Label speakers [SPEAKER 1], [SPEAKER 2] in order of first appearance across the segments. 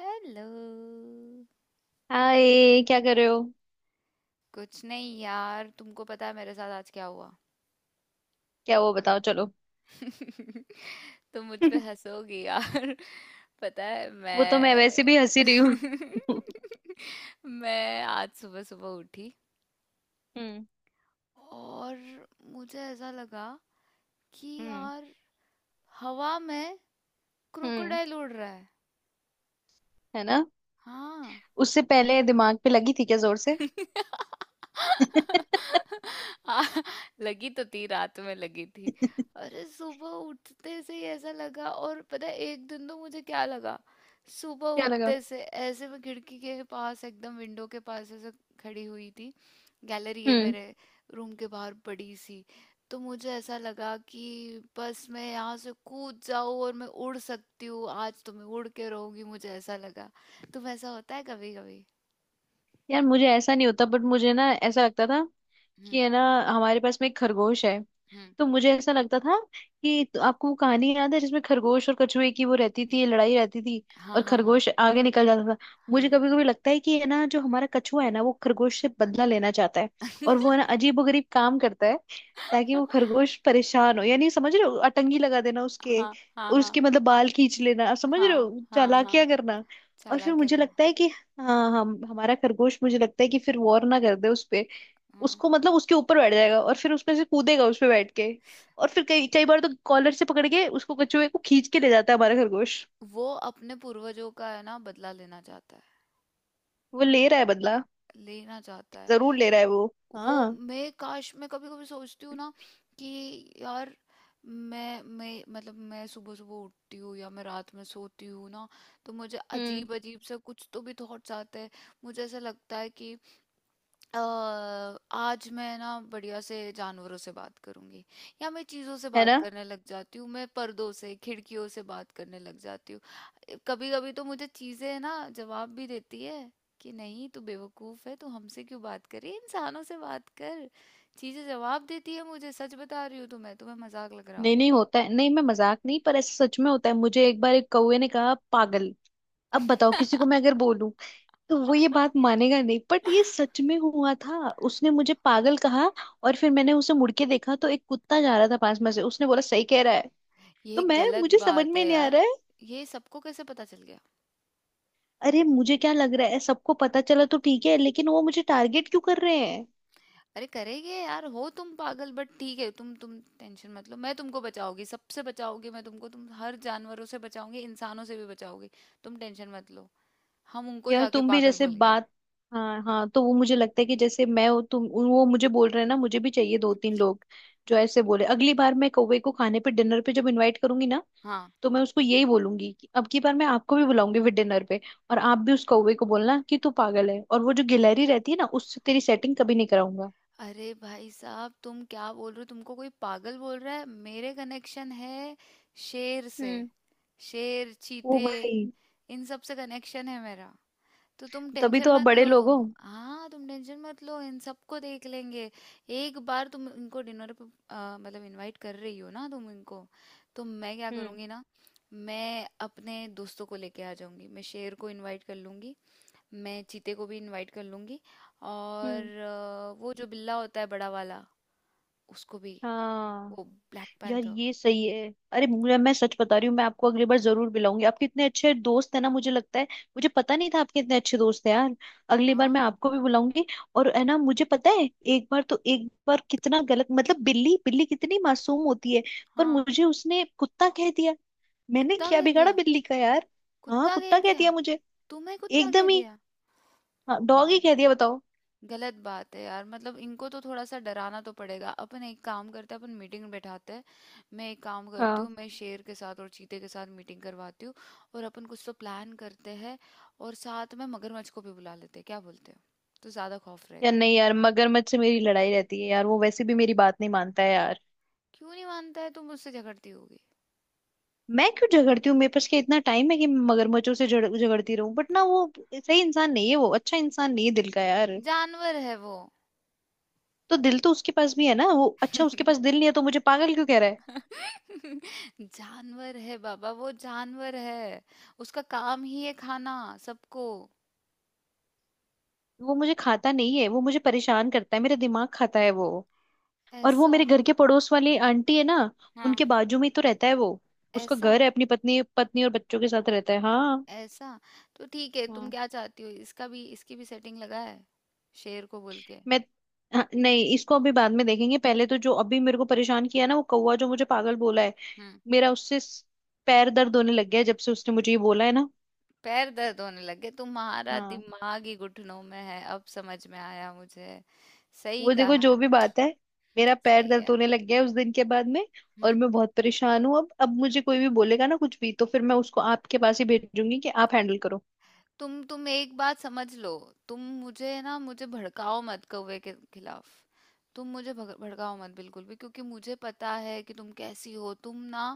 [SPEAKER 1] Hello.
[SPEAKER 2] Hi, क्या कर रहे हो?
[SPEAKER 1] कुछ नहीं यार, तुमको पता है मेरे साथ आज क्या हुआ?
[SPEAKER 2] क्या? वो बताओ चलो।
[SPEAKER 1] तुम मुझ पे हंसोगी यार। पता है
[SPEAKER 2] वो तो मैं
[SPEAKER 1] मैं
[SPEAKER 2] वैसे भी हंसी रही हूँ।
[SPEAKER 1] मैं आज सुबह सुबह उठी,
[SPEAKER 2] हम्म।
[SPEAKER 1] और मुझे ऐसा लगा कि
[SPEAKER 2] हम्म।
[SPEAKER 1] यार, हवा में
[SPEAKER 2] हम्म।
[SPEAKER 1] क्रोकोडाइल उड़ रहा है।
[SPEAKER 2] है ना?
[SPEAKER 1] हाँ।
[SPEAKER 2] उससे पहले दिमाग पे लगी थी क्या जोर से?
[SPEAKER 1] आ, लगी तो थी, रात में लगी थी। अरे सुबह उठते से ही ऐसा लगा। और पता है, एक दिन तो मुझे क्या लगा, सुबह
[SPEAKER 2] क्या लगा?
[SPEAKER 1] उठते से ऐसे मैं खिड़की के पास, एकदम विंडो के पास ऐसे खड़ी हुई थी। गैलरी है
[SPEAKER 2] हम्म।
[SPEAKER 1] मेरे रूम के बाहर बड़ी सी। तो मुझे ऐसा लगा कि बस मैं यहाँ से कूद जाऊँ, और मैं उड़ सकती हूँ, आज तो मैं उड़ के रहूंगी। मुझे ऐसा लगा। तुम, ऐसा होता है कभी कभी?
[SPEAKER 2] यार, मुझे ऐसा नहीं होता, बट मुझे ना ऐसा लगता था
[SPEAKER 1] हम्म।
[SPEAKER 2] कि है ना, हमारे पास में एक खरगोश है। तो मुझे ऐसा लगता था कि, तो आपको वो कहानी याद है जिसमें खरगोश और कछुए की वो रहती थी, लड़ाई रहती थी।
[SPEAKER 1] हाँ,
[SPEAKER 2] और
[SPEAKER 1] हाँ, हाँ,
[SPEAKER 2] खरगोश आगे निकल जाता था। मुझे
[SPEAKER 1] हाँ।
[SPEAKER 2] कभी कभी लगता है कि ये ना, जो हमारा कछुआ है ना, वो खरगोश से बदला लेना चाहता है। और वो है ना, अजीबोगरीब काम करता है। ताकि वो खरगोश परेशान हो, यानी समझ रहे हो, अटंगी लगा देना उसके।
[SPEAKER 1] हाँ, हाँ, हाँ,
[SPEAKER 2] उसके मतलब बाल खींच लेना, आप समझ रहे
[SPEAKER 1] हाँ,
[SPEAKER 2] हो,
[SPEAKER 1] हाँ,
[SPEAKER 2] चालाकियां
[SPEAKER 1] हाँ।
[SPEAKER 2] करना। और फिर
[SPEAKER 1] चालाक्य
[SPEAKER 2] मुझे
[SPEAKER 1] का है।
[SPEAKER 2] लगता है कि, हाँ, हम हमारा खरगोश, मुझे लगता है कि फिर वॉर ना कर दे उस पे।
[SPEAKER 1] हाँ।
[SPEAKER 2] उसको मतलब उसके ऊपर बैठ जाएगा, और फिर उसमें से कूदेगा उस पे बैठ के। और फिर कई कई बार तो कॉलर से पकड़ के उसको, कछुए को, खींच के ले जाता है हमारा खरगोश।
[SPEAKER 1] वो अपने पूर्वजों का है ना, बदला लेना चाहता है,
[SPEAKER 2] वो ले रहा है बदला।
[SPEAKER 1] लेना चाहता है।
[SPEAKER 2] जरूर ले रहा है वो।
[SPEAKER 1] वो,
[SPEAKER 2] हाँ।
[SPEAKER 1] मैं काश, मैं कभी कभी सोचती हूँ ना कि यार, मैं मतलब मैं सुबह सुबह उठती हूँ, या मैं रात में सोती हूँ ना, तो मुझे
[SPEAKER 2] हम्म।
[SPEAKER 1] अजीब अजीब से कुछ तो भी थॉट्स आते हैं। मुझे ऐसा लगता है कि अ, आज मैं ना बढ़िया से जानवरों से बात करूंगी, या मैं चीजों से
[SPEAKER 2] है
[SPEAKER 1] बात
[SPEAKER 2] ना?
[SPEAKER 1] करने लग जाती हूँ, मैं पर्दों से, खिड़कियों से बात करने लग जाती हूँ। कभी कभी तो मुझे चीजें ना जवाब भी देती है कि नहीं, तू बेवकूफ है, तू हमसे क्यों बात कर रही है, इंसानों से बात कर। चीजें जवाब देती है मुझे, सच बता रही हूँ। तुम्हें तुम्हें मजाक लग रहा
[SPEAKER 2] नहीं,
[SPEAKER 1] होगा।
[SPEAKER 2] नहीं होता है। नहीं, मैं मजाक नहीं, पर ऐसा सच में होता है। मुझे एक बार एक कौवे ने कहा पागल। अब बताओ, किसी को मैं अगर बोलूं तो वो ये बात मानेगा नहीं, बट ये सच में हुआ था। उसने मुझे पागल कहा। और फिर मैंने उसे मुड़ के देखा तो एक कुत्ता जा रहा था पास में से, उसने बोला सही कह रहा है। तो
[SPEAKER 1] ये
[SPEAKER 2] मैं
[SPEAKER 1] गलत
[SPEAKER 2] मुझे समझ
[SPEAKER 1] बात
[SPEAKER 2] में
[SPEAKER 1] है
[SPEAKER 2] नहीं आ
[SPEAKER 1] यार।
[SPEAKER 2] रहा है।
[SPEAKER 1] ये सबको कैसे पता चल गया?
[SPEAKER 2] अरे, मुझे क्या लग रहा है, सबको पता चला तो ठीक है, लेकिन वो मुझे टारगेट क्यों कर रहे हैं?
[SPEAKER 1] अरे करेंगे यार, हो तुम पागल। बट ठीक है, तुम टेंशन मत लो, मैं तुमको बचाऊंगी, सबसे बचाऊंगी मैं तुमको। तुम हर जानवरों से बचाऊंगी, इंसानों से भी बचाऊंगी। तुम टेंशन मत लो। हम उनको
[SPEAKER 2] यार,
[SPEAKER 1] जाके
[SPEAKER 2] तुम भी
[SPEAKER 1] पागल
[SPEAKER 2] जैसे
[SPEAKER 1] बोल गए।
[SPEAKER 2] बात। हाँ, हाँ। तो वो मुझे लगता है कि जैसे मैं हूँ, तुम वो मुझे बोल रहे हैं ना, मुझे भी चाहिए दो तीन लोग। जो ऐसे बोले। अगली बार मैं कौवे को खाने पे डिनर पे जब इनवाइट करूंगी ना।
[SPEAKER 1] हाँ।
[SPEAKER 2] तो मैं उसको यही बोलूंगी कि अब की बार मैं आपको भी बुलाऊंगी फिर डिनर पे। और आप भी उस कौवे को बोलना कि तू पागल है, और वो जो गिलहरी रहती है ना, उससे तेरी सेटिंग कभी नहीं कराऊंगा।
[SPEAKER 1] अरे भाई साहब, तुम क्या बोल रहे हो? तुमको कोई पागल बोल रहा है? मेरे कनेक्शन है शेर से।
[SPEAKER 2] हम्म।
[SPEAKER 1] शेर,
[SPEAKER 2] ओ
[SPEAKER 1] चीते,
[SPEAKER 2] भाई।
[SPEAKER 1] इन सब से कनेक्शन है मेरा, तो तुम
[SPEAKER 2] तभी
[SPEAKER 1] टेंशन
[SPEAKER 2] तो आप
[SPEAKER 1] मत
[SPEAKER 2] बड़े
[SPEAKER 1] लो।
[SPEAKER 2] लोग हो।
[SPEAKER 1] हाँ, तुम टेंशन मत लो, इन सबको देख लेंगे। एक बार तुम इनको डिनर पे मतलब इनवाइट कर रही हो ना तुम इनको, तो मैं क्या
[SPEAKER 2] हम्म।
[SPEAKER 1] करूँगी ना, मैं अपने दोस्तों को लेके आ जाऊंगी। मैं शेर को इनवाइट कर लूंगी, मैं चीते को भी इनवाइट कर लूंगी,
[SPEAKER 2] हम्म।
[SPEAKER 1] और वो जो बिल्ला होता है बड़ा वाला, उसको भी।
[SPEAKER 2] हाँ।
[SPEAKER 1] वो ब्लैक
[SPEAKER 2] यार,
[SPEAKER 1] पैंथर।
[SPEAKER 2] ये सही है! अरे, मुझे मैं सच बता रही हूँ, मैं आपको अगली बार जरूर मिलाऊंगी। आपके इतने अच्छे दोस्त हैं ना, मुझे लगता है। मुझे पता नहीं था आपके इतने अच्छे दोस्त हैं, यार। अगली बार मैं
[SPEAKER 1] हाँ,
[SPEAKER 2] आपको भी बुलाऊंगी। और है ना, मुझे पता है, एक बार तो, एक बार कितना गलत, मतलब बिल्ली, बिल्ली कितनी मासूम होती है। पर
[SPEAKER 1] हाँ।
[SPEAKER 2] मुझे उसने कुत्ता कह दिया! मैंने
[SPEAKER 1] कुत्ता
[SPEAKER 2] क्या
[SPEAKER 1] कह
[SPEAKER 2] बिगाड़ा
[SPEAKER 1] दिया?
[SPEAKER 2] बिल्ली का, यार। हाँ,
[SPEAKER 1] कुत्ता कह
[SPEAKER 2] कुत्ता कह
[SPEAKER 1] दिया?
[SPEAKER 2] दिया मुझे।
[SPEAKER 1] तुम्हें कुत्ता कह
[SPEAKER 2] एकदम ही।
[SPEAKER 1] दिया?
[SPEAKER 2] हाँ, डॉग ही
[SPEAKER 1] गलत।
[SPEAKER 2] कह दिया, बताओ।
[SPEAKER 1] गलत बात है यार। मतलब इनको तो थोड़ा सा डराना तो पड़ेगा। अपन एक काम करते हैं, अपन मीटिंग बैठाते हैं। मैं एक काम करती
[SPEAKER 2] हाँ।
[SPEAKER 1] हूँ, मैं शेर के साथ और चीते के साथ मीटिंग करवाती हूँ, और अपन कुछ तो प्लान करते हैं, और साथ में मगरमच्छ को भी बुला लेते हैं। क्या बोलते हो? तो ज्यादा खौफ
[SPEAKER 2] यार,
[SPEAKER 1] रहेगा।
[SPEAKER 2] नहीं, यार, मगरमच्छ से मेरी लड़ाई रहती है, यार। वो वैसे भी मेरी बात नहीं मानता है, यार।
[SPEAKER 1] क्यों नहीं मानता है? तुम मुझसे झगड़ती होगी।
[SPEAKER 2] मैं क्यों झगड़ती हूँ? मेरे पास क्या इतना टाइम है कि मैं मगरमच्छों से झड़ झगड़ती रहूं? बट ना वो। सही इंसान नहीं है वो। अच्छा इंसान नहीं है दिल का, यार।
[SPEAKER 1] जानवर है वो।
[SPEAKER 2] तो दिल तो उसके पास भी है ना। वो अच्छा, उसके पास दिल नहीं है तो मुझे पागल क्यों कह रहा है?
[SPEAKER 1] जानवर है बाबा, वो जानवर है। उसका काम ही है खाना सबको।
[SPEAKER 2] वो मुझे खाता नहीं है, वो मुझे परेशान करता है। मेरा दिमाग खाता है वो। और वो
[SPEAKER 1] ऐसा?
[SPEAKER 2] मेरे घर के पड़ोस वाली आंटी है ना,
[SPEAKER 1] हाँ।
[SPEAKER 2] उनके बाजू में ही तो रहता है वो। उसका
[SPEAKER 1] ऐसा?
[SPEAKER 2] घर है, अपनी पत्नी पत्नी और बच्चों के साथ रहता है। हाँ।
[SPEAKER 1] ऐसा? तो ठीक है, तुम
[SPEAKER 2] हाँ।
[SPEAKER 1] क्या चाहती हो, इसका भी, इसकी भी सेटिंग लगा है, शेर को बोल के?
[SPEAKER 2] मैं हाँ, नहीं, इसको अभी बाद में देखेंगे। पहले तो जो अभी मेरे को परेशान किया ना, वो कौवा जो मुझे पागल बोला है।
[SPEAKER 1] हम्म।
[SPEAKER 2] मेरा उससे स- पैर दर्द होने लग गया है जब से उसने मुझे ये बोला है ना।
[SPEAKER 1] पैर दर्द होने लगे? तुम्हारा
[SPEAKER 2] हाँ,
[SPEAKER 1] दिमाग ही घुटनों में है, अब समझ में आया मुझे। सही
[SPEAKER 2] वो देखो,
[SPEAKER 1] कहा
[SPEAKER 2] जो
[SPEAKER 1] है।
[SPEAKER 2] भी बात है, मेरा पैर
[SPEAKER 1] सही
[SPEAKER 2] दर्द
[SPEAKER 1] है।
[SPEAKER 2] होने लग गया है उस दिन के बाद में। और
[SPEAKER 1] हम्म।
[SPEAKER 2] मैं बहुत परेशान हूँ। अब मुझे कोई भी बोलेगा ना कुछ भी, तो फिर मैं उसको आपके पास ही भेजूंगी कि आप हैंडल करो।
[SPEAKER 1] तुम एक बात समझ लो, तुम मुझे ना, मुझे भड़काओ मत कौवे के खिलाफ। तुम मुझे भड़काओ मत बिल्कुल भी, क्योंकि मुझे पता है कि तुम कैसी हो। तुम ना,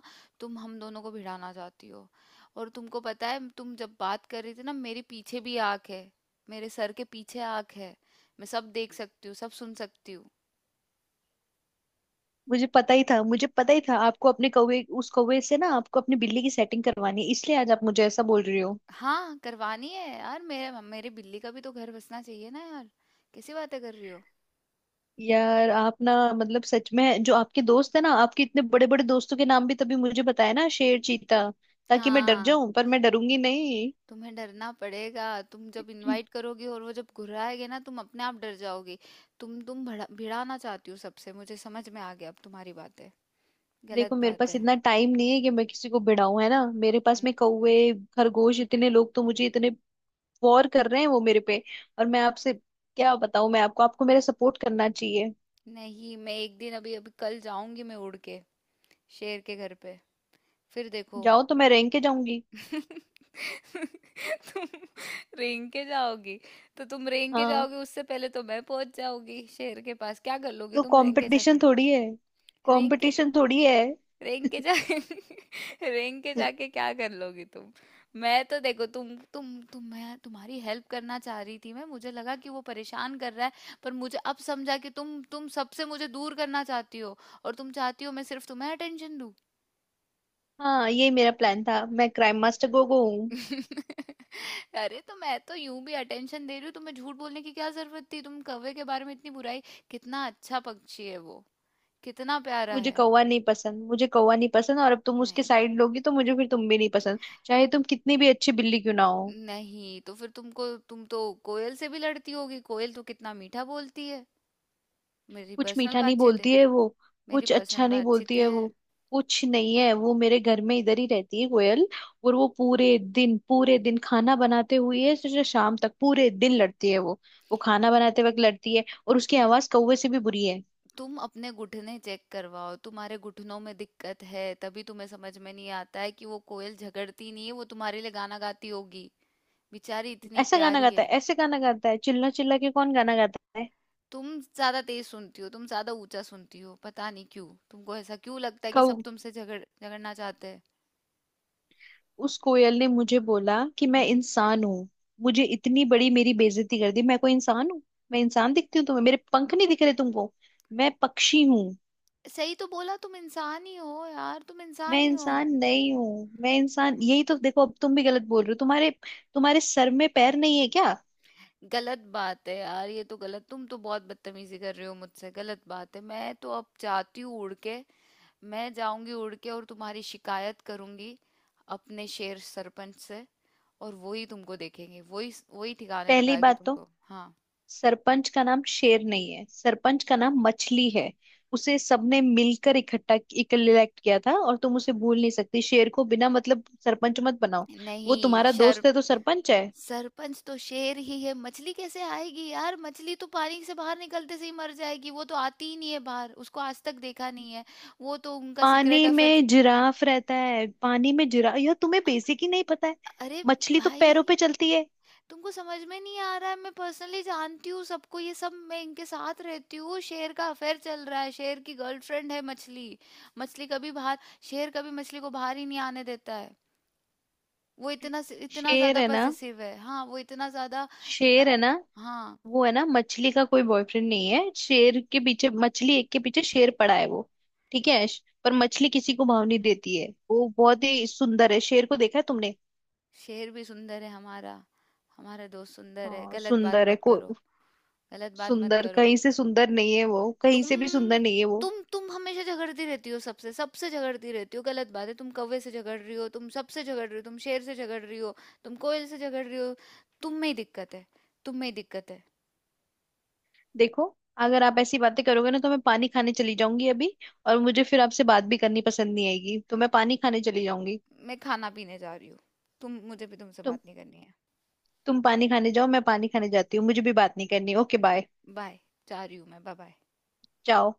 [SPEAKER 1] तुम हम दोनों को भिड़ाना चाहती हो। और तुमको पता है, तुम जब बात कर रही थी ना, मेरे पीछे भी आँख है। मेरे सर के पीछे आँख है। मैं सब देख सकती हूँ, सब सुन सकती हूँ।
[SPEAKER 2] मुझे पता ही था, मुझे पता ही था आपको अपने कौवे उस कौवे से ना, आपको अपनी बिल्ली की सेटिंग करवानी है, इसलिए आज आप मुझे ऐसा बोल रही हो।
[SPEAKER 1] हाँ, करवानी है यार, मेरे मेरे बिल्ली का भी तो घर बसना चाहिए ना यार। कैसी बातें कर रही हो?
[SPEAKER 2] यार आप ना, मतलब सच में जो आपके दोस्त है ना, आपके इतने बड़े बड़े दोस्तों के नाम भी तभी मुझे बताया ना, शेर, चीता, ताकि मैं डर
[SPEAKER 1] हाँ,
[SPEAKER 2] जाऊं, पर मैं डरूंगी नहीं।
[SPEAKER 1] तुम्हें डरना पड़ेगा। तुम जब इनवाइट करोगी और वो जब घुर्राएंगे ना, तुम अपने आप डर जाओगी। तुम भड़ा भिड़ाना चाहती हो सबसे, मुझे समझ में आ गया अब तुम्हारी बातें।
[SPEAKER 2] देखो,
[SPEAKER 1] गलत
[SPEAKER 2] मेरे
[SPEAKER 1] बात
[SPEAKER 2] पास
[SPEAKER 1] है।
[SPEAKER 2] इतना टाइम नहीं है कि मैं किसी को भिड़ाऊं, है ना? मेरे पास
[SPEAKER 1] हम्म।
[SPEAKER 2] में कौवे, खरगोश, इतने लोग तो, मुझे इतने वॉर कर रहे हैं वो मेरे पे। और मैं आपसे क्या बताऊं मैं आपको, आपको मेरा सपोर्ट करना चाहिए।
[SPEAKER 1] नहीं, मैं एक दिन, अभी अभी, कल जाऊंगी मैं उड़ के, शेर के घर पे। फिर देखो।
[SPEAKER 2] जाओ, तो मैं रैंक के जाऊंगी।
[SPEAKER 1] तुम रेंग के जाओगी? तो तुम रेंग के
[SPEAKER 2] हाँ,
[SPEAKER 1] जाओगी, उससे पहले तो मैं पहुंच जाऊंगी शेर के पास। क्या कर लोगी
[SPEAKER 2] तो
[SPEAKER 1] तुम रेंग के
[SPEAKER 2] कंपटीशन
[SPEAKER 1] जाके?
[SPEAKER 2] थोड़ी है,
[SPEAKER 1] रेंग के,
[SPEAKER 2] कंपटीशन थोड़ी है।
[SPEAKER 1] रेंग के जा। रेंग के जाके क्या कर लोगी तुम? मैं तो देखो, तुम मैं तुम्हारी हेल्प करना चाह रही थी। मैं मुझे लगा कि वो परेशान कर रहा है। पर मुझे अब समझा कि तुम सबसे मुझे दूर करना चाहती हो, और तुम चाहती हो मैं सिर्फ तुम्हें अटेंशन दूं।
[SPEAKER 2] हाँ, ये मेरा प्लान था, मैं क्राइम मास्टर गोगो हूँ।
[SPEAKER 1] अरे तो मैं तो यूं भी अटेंशन दे रही हूँ तुम्हें, झूठ बोलने की क्या जरूरत थी? तुम कौवे के बारे में इतनी बुराई। कितना अच्छा पक्षी है वो, कितना प्यारा
[SPEAKER 2] मुझे
[SPEAKER 1] है।
[SPEAKER 2] कौवा नहीं पसंद, मुझे कौवा नहीं पसंद। और अब तुम उसके
[SPEAKER 1] नहीं।
[SPEAKER 2] साइड लोगी तो मुझे फिर तुम भी नहीं पसंद। चाहे तुम कितनी भी अच्छी बिल्ली क्यों ना हो।
[SPEAKER 1] नहीं, तो फिर तुमको, तुम तो कोयल से भी लड़ती होगी। कोयल तो कितना मीठा बोलती है। मेरी
[SPEAKER 2] कुछ
[SPEAKER 1] पर्सनल
[SPEAKER 2] मीठा नहीं
[SPEAKER 1] बातचीत
[SPEAKER 2] बोलती
[SPEAKER 1] है।
[SPEAKER 2] है वो।
[SPEAKER 1] मेरी
[SPEAKER 2] कुछ अच्छा
[SPEAKER 1] पर्सनल
[SPEAKER 2] नहीं
[SPEAKER 1] बातचीत
[SPEAKER 2] बोलती है
[SPEAKER 1] है।
[SPEAKER 2] वो। कुछ नहीं है वो। मेरे घर में इधर ही रहती है कोयल। और वो पूरे दिन, पूरे दिन खाना बनाते हुए से शाम तक पूरे दिन लड़ती है वो। वो खाना बनाते वक्त लड़ती है, और उसकी आवाज कौवे से भी बुरी है।
[SPEAKER 1] तुम अपने घुटने चेक करवाओ, तुम्हारे घुटनों में दिक्कत है। तभी तुम्हें समझ में नहीं आता है कि वो कोयल झगड़ती नहीं है, वो तुम्हारे लिए गाना गाती होगी। बेचारी इतनी
[SPEAKER 2] ऐसा गाना
[SPEAKER 1] प्यारी
[SPEAKER 2] गाता है,
[SPEAKER 1] है।
[SPEAKER 2] ऐसे गाना गाता है, चिल्ला चिल्ला के कौन गाना गाता है?
[SPEAKER 1] तुम ज्यादा तेज सुनती हो, तुम ज्यादा ऊंचा सुनती हो। पता नहीं क्यों तुमको ऐसा क्यों लगता है कि
[SPEAKER 2] कौ
[SPEAKER 1] सब तुमसे झगड़ना चाहते हैं।
[SPEAKER 2] उस कोयल ने मुझे बोला कि मैं
[SPEAKER 1] हम्म।
[SPEAKER 2] इंसान हूँ। मुझे इतनी बड़ी मेरी बेइज्जती कर दी! मैं कोई इंसान हूँ? मैं इंसान दिखती हूँ तुम्हें? मेरे पंख नहीं दिख रहे तुमको? मैं पक्षी हूँ।
[SPEAKER 1] सही तो बोला, तुम इंसान ही हो यार, तुम
[SPEAKER 2] मैं
[SPEAKER 1] इंसान ही हो।
[SPEAKER 2] इंसान नहीं हूँ। मैं इंसान यही तो देखो, अब तुम भी गलत बोल रहे हो। तुम्हारे तुम्हारे सर में पैर नहीं है क्या?
[SPEAKER 1] गलत बात है यार, ये तो गलत। तुम तो बहुत बदतमीजी कर रहे हो मुझसे। गलत बात है। मैं तो अब जाती हूँ उड़ के। मैं जाऊंगी उड़ के, और तुम्हारी शिकायत करूंगी अपने शेर सरपंच से। और वो ही तुमको देखेंगे, वही वही ठिकाने
[SPEAKER 2] पहली
[SPEAKER 1] लगाएंगे
[SPEAKER 2] बात तो,
[SPEAKER 1] तुमको। हाँ।
[SPEAKER 2] सरपंच का नाम शेर नहीं है, सरपंच का नाम मछली है। उसे सबने मिलकर इकट्ठा इलेक्ट किया था, और तुम उसे भूल नहीं सकती। शेर को बिना मतलब सरपंच मत बनाओ। वो
[SPEAKER 1] नहीं,
[SPEAKER 2] तुम्हारा
[SPEAKER 1] शर
[SPEAKER 2] दोस्त है तो सरपंच है?
[SPEAKER 1] सरपंच तो शेर ही है, मछली कैसे आएगी यार? मछली तो पानी से बाहर निकलते से ही मर जाएगी, वो तो आती ही नहीं है बाहर, उसको आज तक देखा नहीं है। वो तो उनका सीक्रेट
[SPEAKER 2] पानी
[SPEAKER 1] अफेयर।
[SPEAKER 2] में जिराफ रहता है। पानी में जिरा यह तुम्हें बेसिक ही नहीं पता है।
[SPEAKER 1] अरे
[SPEAKER 2] मछली तो
[SPEAKER 1] भाई,
[SPEAKER 2] पैरों पे चलती है।
[SPEAKER 1] तुमको समझ में नहीं आ रहा है, मैं पर्सनली जानती हूँ सबको। ये सब, मैं इनके साथ रहती हूँ। शेर का अफेयर चल रहा है, शेर की गर्लफ्रेंड है मछली। मछली कभी बाहर, शेर कभी मछली को बाहर ही नहीं आने देता है। वो इतना, इतना
[SPEAKER 2] शेर
[SPEAKER 1] ज्यादा
[SPEAKER 2] है ना?
[SPEAKER 1] पजेसिव है। हाँ, वो इतना ज्यादा,
[SPEAKER 2] शेर
[SPEAKER 1] इतना।
[SPEAKER 2] है ना?
[SPEAKER 1] हाँ,
[SPEAKER 2] वो है ना, मछली का कोई बॉयफ्रेंड नहीं है। शेर के पीछे मछली एक के पीछे शेर पड़ा है वो। ठीक है। पर मछली किसी को भाव नहीं देती है। वो बहुत ही सुंदर है। शेर को देखा है तुमने?
[SPEAKER 1] शेर भी सुंदर है हमारा, हमारा दोस्त सुंदर है,
[SPEAKER 2] हाँ,
[SPEAKER 1] गलत बात
[SPEAKER 2] सुंदर है?
[SPEAKER 1] मत
[SPEAKER 2] को
[SPEAKER 1] करो। गलत बात मत
[SPEAKER 2] सुंदर
[SPEAKER 1] करो।
[SPEAKER 2] कहीं से सुंदर नहीं है वो।
[SPEAKER 1] तुम
[SPEAKER 2] कहीं से भी सुंदर नहीं है वो।
[SPEAKER 1] तुम हमेशा झगड़ती रहती हो सबसे सबसे झगड़ती रहती हो। गलत बात है, तुम कौवे से झगड़ रही हो, तुम सबसे झगड़ रही हो, तुम शेर से झगड़ रही हो, तुम कोयल से झगड़ रही हो। तुम में ही दिक्कत है। तुम में ही दिक्कत है।
[SPEAKER 2] देखो, अगर आप ऐसी बातें करोगे ना तो मैं पानी खाने चली जाऊंगी अभी। और मुझे फिर आपसे बात भी करनी पसंद नहीं आएगी, तो मैं पानी खाने चली जाऊंगी।
[SPEAKER 1] मैं खाना पीने जा रही हूँ। तुम, मुझे भी तुमसे
[SPEAKER 2] तुम
[SPEAKER 1] बात नहीं करनी है।
[SPEAKER 2] तुम पानी खाने जाओ, मैं पानी खाने जाती हूँ, मुझे भी बात नहीं करनी। Okay, bye.
[SPEAKER 1] बाय। जा रही हूँ मैं। Bye, bye.
[SPEAKER 2] जाओ।